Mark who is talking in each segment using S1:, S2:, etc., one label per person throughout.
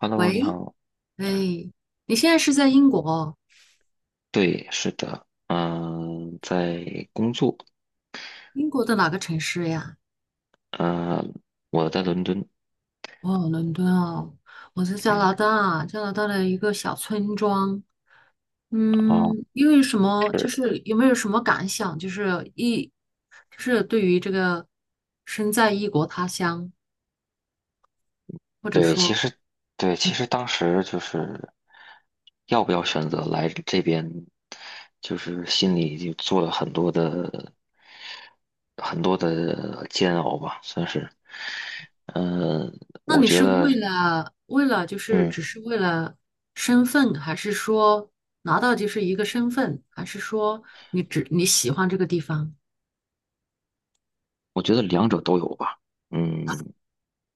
S1: Hello，你
S2: 喂，
S1: 好。
S2: 哎，你现在是在英国？
S1: 对，是的，在工作。
S2: 英国的哪个城市呀？
S1: 嗯，我在伦敦。
S2: 哦，伦敦哦，我在加拿
S1: 嗯，
S2: 大，加拿大的一个小村庄。
S1: 啊，
S2: 嗯，因为什么？就
S1: 是。
S2: 是有没有什么感想？就是异，就是对于这个身在异国他乡，或者
S1: 对，
S2: 说，
S1: 其实，对，其实当时就是要不要选择来这边，就是心里就做了很多的煎熬吧，算是。嗯，
S2: 那
S1: 我
S2: 你
S1: 觉
S2: 是
S1: 得，
S2: 为了就是
S1: 嗯，
S2: 只是为了身份，还是说拿到就是一个身份，还是说你喜欢这个地方？
S1: 我觉得两者都有吧。嗯，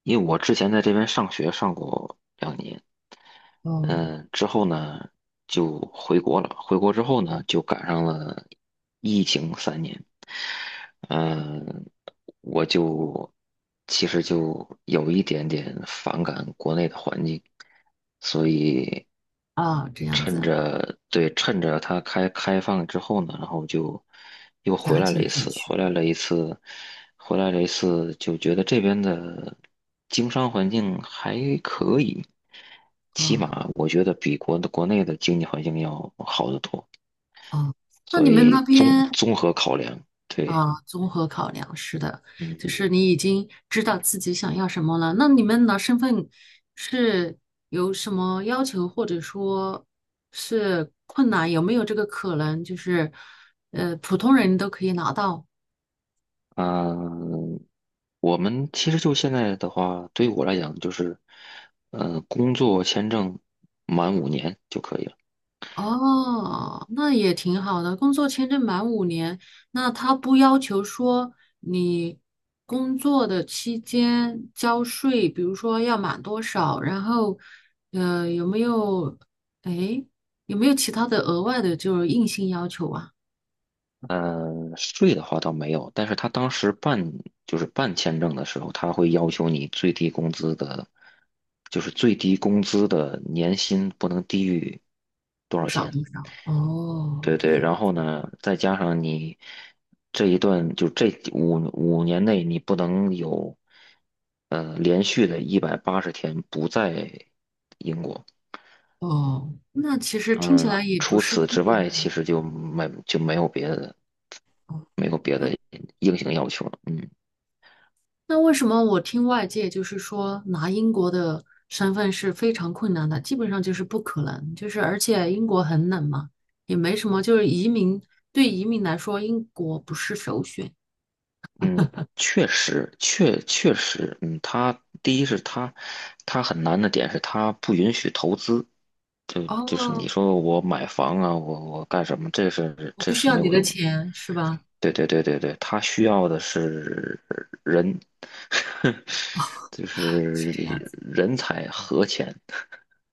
S1: 因为我之前在这边上学上过2年。
S2: 哦。
S1: 嗯，之后呢就回国了。回国之后呢，就赶上了疫情3年。嗯，我就其实就有一点点反感国内的环境，所以
S2: 啊，这样子，
S1: 趁着它开放之后呢，然后就又回
S2: 赶
S1: 来了
S2: 紧
S1: 一
S2: 回
S1: 次，
S2: 去。
S1: 回来了一次，就觉得这边的经商环境还可以，起
S2: 嗯
S1: 码我觉得比国内的经济环境要好得多，
S2: 嗯，那
S1: 所
S2: 你们
S1: 以
S2: 那
S1: 综
S2: 边
S1: 综合考量，对。
S2: 啊，综合考量是的，就
S1: 嗯。
S2: 是你已经知道自己想要什么了。那你们拿身份是有什么要求，或者说是困难？有没有这个可能，就是普通人都可以拿到？
S1: 嗯，我们其实就现在的话，对于我来讲就是，工作签证满五年就可以了。
S2: 哦，那也挺好的。工作签证满5年，那他不要求说你工作的期间交税，比如说要满多少，然后呃有没有诶有没有其他的额外的就是硬性要求啊？
S1: 嗯，税的话倒没有，但是他当时办就是办签证的时候，他会要求你最低工资的，就是最低工资的年薪不能低于多
S2: 多
S1: 少
S2: 少
S1: 钱。
S2: 多少？哦，
S1: 对
S2: 这
S1: 对，
S2: 样
S1: 然后呢，再加上你这一段，就这五年内，你不能有连续的180天不在英国。
S2: 哦，那其实听起
S1: 嗯，
S2: 来也不
S1: 除
S2: 是
S1: 此
S2: 特
S1: 之
S2: 别
S1: 外，其
S2: 难。
S1: 实就没有别的，没有别的硬性要求了。嗯。
S2: 那为什么我听外界就是说拿英国的身份是非常困难的，基本上就是不可能，就是而且英国很冷嘛，也没什么，就是移民对移民来说，英国不是首选。
S1: 嗯，确实，确实，他第一是他很难的点是他不允许投资。就是你
S2: 哦，
S1: 说我买房啊，我干什么？这是
S2: 我
S1: 这
S2: 不需
S1: 是
S2: 要
S1: 没
S2: 你
S1: 有
S2: 的
S1: 用的。
S2: 钱是吧？
S1: 对对对对对，他需要的是人，就
S2: 是这样
S1: 是
S2: 子。
S1: 人才和钱。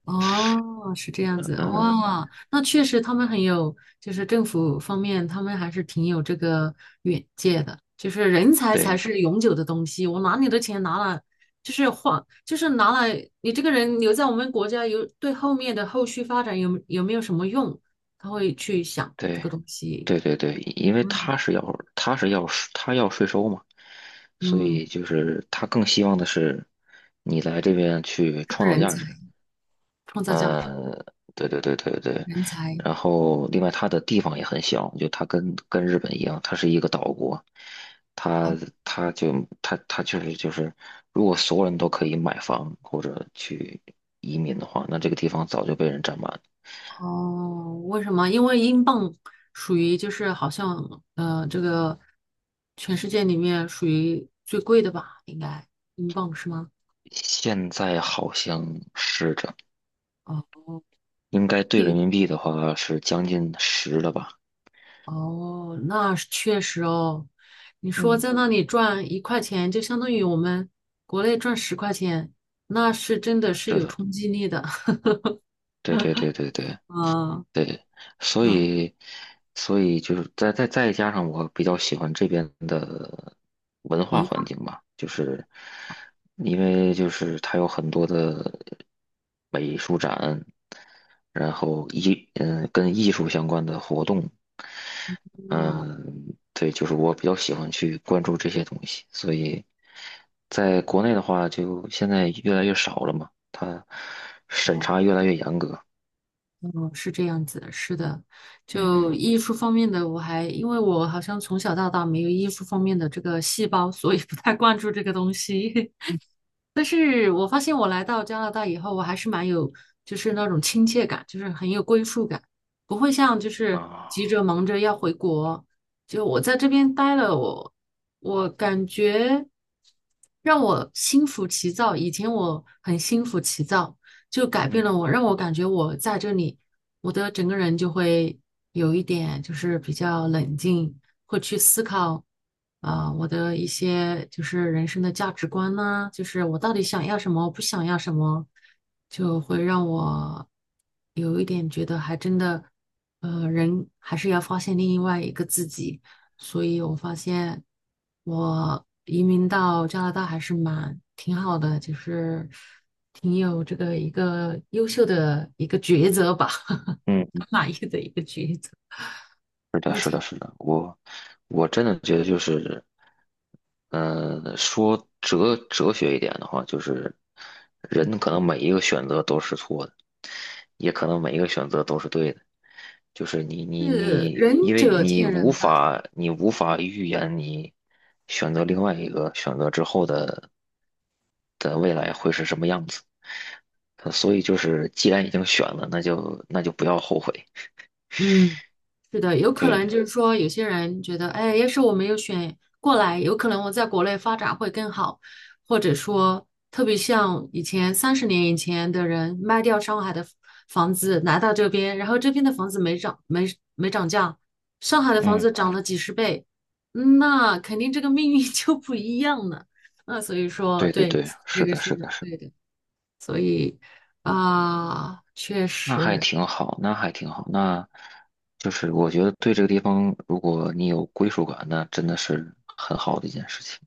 S2: 哦，是这样子，
S1: 嗯，
S2: 哇，那确实他们很有，就是政府方面，他们还是挺有这个远见的，就是人才才
S1: 对
S2: 是永久的东西，我拿你的钱拿了，就是换，就是拿了你这个人留在我们国家有对后面的后续发展有没有什么用？他会去想这
S1: 对
S2: 个东西，
S1: 对对对，因为
S2: 嗯
S1: 他是要他要税收嘛，所
S2: 嗯，
S1: 以就是他更希望的是你来这边去
S2: 是个
S1: 创造
S2: 人
S1: 价
S2: 才，
S1: 值。
S2: 创造价值，
S1: 嗯，对对对对对。
S2: 人才。
S1: 然后另外它的地方也很小，就它跟日本一样，它是一个岛国。它它就它它确实就是，如果所有人都可以买房或者去移民的话，那这个地方早就被人占满了。
S2: 哦，为什么？因为英镑属于就是好像这个全世界里面属于最贵的吧？应该英镑是吗？
S1: 现在好像是的，
S2: 哦，
S1: 应该兑
S2: 对，
S1: 人民币的话是将近十了吧？
S2: 哦，那是确实哦。你说
S1: 嗯，
S2: 在那里赚1块钱，就相当于我们国内赚10块钱，那是真的是
S1: 是
S2: 有
S1: 的，
S2: 冲击力的。
S1: 对对对对对。
S2: 啊，
S1: 对，所
S2: 嗯，
S1: 以。所以就是再加上我比较喜欢这边的文化
S2: 文
S1: 环
S2: 化
S1: 境吧，就是因为就是它有很多的美术展，然后跟艺术相关的活动。
S2: 哦。
S1: 嗯，对，就是我比较喜欢去关注这些东西，所以在国内的话，就现在越来越少了嘛，它审查越来越严格。
S2: 哦，是这样子，是的，
S1: 嗯
S2: 就
S1: 嗯。
S2: 艺术方面的，我还因为我好像从小到大没有艺术方面的这个细胞，所以不太关注这个东西。但是我发现我来到加拿大以后，我还是蛮有就是那种亲切感，就是很有归属感，不会像就是急
S1: 啊。
S2: 着忙着要回国。就我在这边待了，我感觉让我心浮气躁。以前我很心浮气躁，就改变
S1: 嗯
S2: 了我，让我感觉我在这里，我的整个人就会有一点就是比较冷静，会去思考，啊、我的一些就是人生的价值观呐、就是我到底想要什么，我不想要什么，就会让我有一点觉得还真的，人还是要发现另外一个自己。所以我发现我移民到加拿大还是蛮挺好的，就是挺有这个一个优秀的一个抉择吧，
S1: 嗯，
S2: 满意的一个抉择。目前。
S1: 是的，我真的觉得就是，嗯、说哲学一点的话，就是
S2: 嗯。
S1: 人可能每一个选择都是错的，也可能每一个选择都是对的。就是你你
S2: 是
S1: 你，
S2: 仁
S1: 因为
S2: 者见仁吧，
S1: 你无法预言你选择另外一个选择之后的未来会是什么样子。所以就是既然已经选了，那就不要后悔。
S2: 嗯，是的，有可能
S1: 对。
S2: 就是说，有些人觉得，哎，要是我没有选过来，有可能我在国内发展会更好，或者说，特别像以前30年以前的人卖掉上海的房子来到这边，然后这边的房子没涨，没涨价，上海的房
S1: 嗯。
S2: 子涨了几十倍，嗯那肯定这个命运 就不一样了。那所以说，
S1: 对对
S2: 对你
S1: 对，
S2: 说的这
S1: 是
S2: 个
S1: 的，
S2: 是
S1: 是的，是的。
S2: 对的啊，确实。
S1: 那还挺好。那就是我觉得对这个地方，如果你有归属感，那真的是很好的一件事情。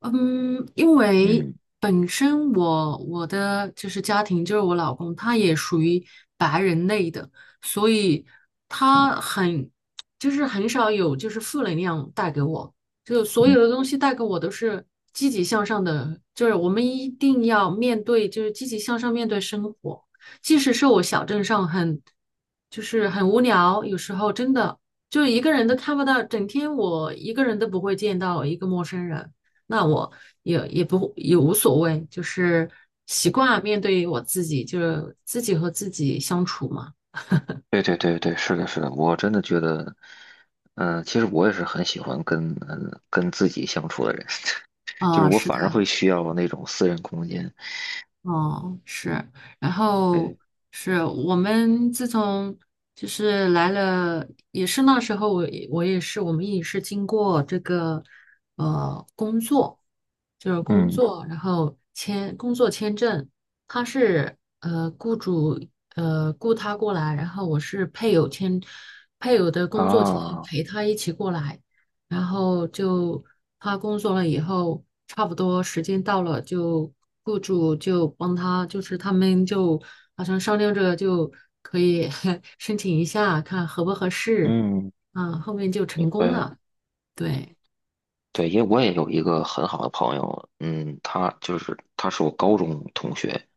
S2: 嗯，因为
S1: 嗯
S2: 本身我的就是家庭，就是我老公，他也属于白人类的，所以他很就是很少有就是负能量带给我，就所
S1: 嗯，
S2: 有的东西带给我都是积极向上的，就是我们一定要面对，就是积极向上面对生活，即使是我小镇上很就是很无聊，有时候真的就一个人都看不到，整天我一个人都不会见到一个陌生人。那我也无所谓，就是习惯面对我自己，就是自己和自己相处嘛。
S1: 对对对对，是的，是的，我真的觉得，嗯、其实我也是很喜欢跟自己相处的人，就是
S2: 啊，
S1: 我
S2: 是
S1: 反而
S2: 的，
S1: 会需要那种私人空间。
S2: 哦，是，然后
S1: 对，
S2: 是我们自从就是来了，也是那时候我也是，我们也是经过这个工作，就是工
S1: 嗯
S2: 作，然后签工作签证，他是雇主雇他过来，然后我是配偶的工作签
S1: 啊，
S2: 陪他一起过来。然后就他工作了以后，差不多时间到了，就雇主就帮他，就是他们就好像商量着就可以 申请一下，看合不合适。
S1: 嗯，
S2: 啊，后面就
S1: 明
S2: 成功
S1: 白。
S2: 了。对，
S1: 对，因为我也有一个很好的朋友。嗯，他是我高中同学。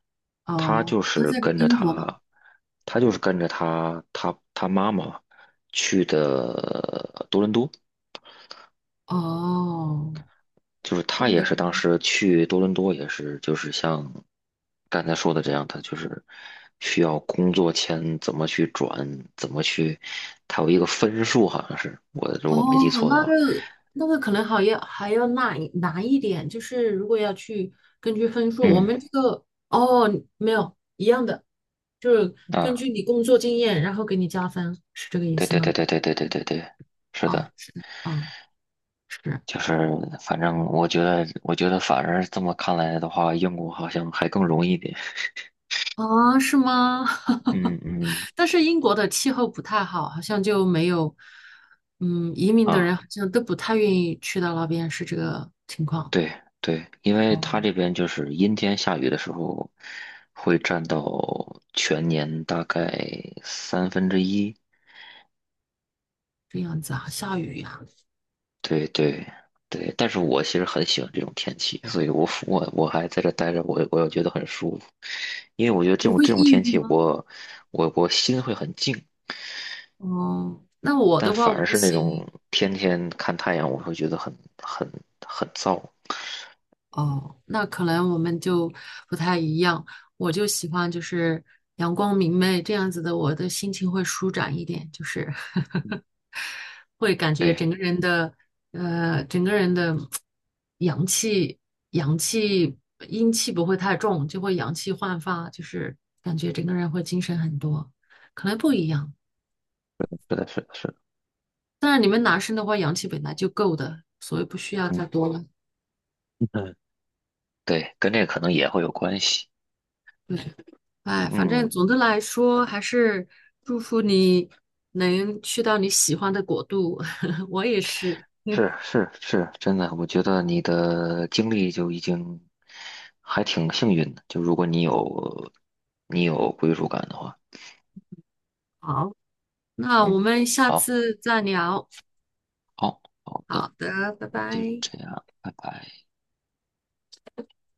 S1: 他
S2: 哦，
S1: 就
S2: 他
S1: 是
S2: 在
S1: 跟着
S2: 英国吗？
S1: 他，他就是跟着他妈妈去的多伦多，
S2: 哦，
S1: 就是他也是
S2: 能。
S1: 当时去多伦多也是就是像刚才说的这样，他就是需要工作签怎么去转，怎么去，他有一个分数好像是如
S2: 哦，
S1: 果没记错的
S2: 那个
S1: 话。
S2: 那个可能好要还要难一点，就是如果要去根据分数，我
S1: 嗯
S2: 们这个哦没有一样的，就是根
S1: 啊，
S2: 据你工作经验，然后给你加分，是这个意
S1: 对
S2: 思
S1: 对
S2: 吗？
S1: 对对对对对对对，是
S2: 啊，
S1: 的。
S2: 是的，嗯，是
S1: 就是反正我觉得反而这么看来的话，英国好像还更容易一点。
S2: 啊，是吗？
S1: 嗯嗯。
S2: 但是英国的气候不太好，好像就没有，移民的人
S1: 啊，
S2: 好像都不太愿意去到那边，是这个情况。
S1: 对对，因为
S2: 哦，
S1: 它这边就是阴天下雨的时候，会占到全年大概三分之一。
S2: 这样子啊，下雨呀、
S1: 对对对，但是我其实很喜欢这种天气，所以我我还在这待着，我也觉得很舒服，因为我觉得
S2: 我会
S1: 这种
S2: 抑
S1: 天
S2: 郁
S1: 气
S2: 吗？
S1: 我，我心会很静，
S2: 哦，那我的
S1: 但
S2: 话
S1: 反
S2: 我
S1: 而
S2: 不
S1: 是那
S2: 行
S1: 种天天看太阳，我会觉得很燥。
S2: 哦，那可能我们就不太一样。我就喜欢就是阳光明媚这样子的，我的心情会舒展一点，就是 会感觉
S1: 对，
S2: 整个人的阳气、阳气、阴气不会太重，就会阳气焕发，就是感觉整个人会精神很多，可能不一样。
S1: 是的，是的，是的。
S2: 但是你们男生的话，阳气本来就够的，所以不需要
S1: 嗯
S2: 再多了。
S1: 嗯，对，跟这个可能也会有关系。
S2: 对。哎，反
S1: 嗯，
S2: 正总的来说，还是祝福你能去到你喜欢的国度。我也是。
S1: 是是是，真的，我觉得你的经历就已经还挺幸运的，就如果你有归属感的话。
S2: 好，那我
S1: 嗯，
S2: 们下
S1: 好，
S2: 次再聊。
S1: 好，好的，
S2: 好的，拜
S1: 就这
S2: 拜。
S1: 样，拜拜。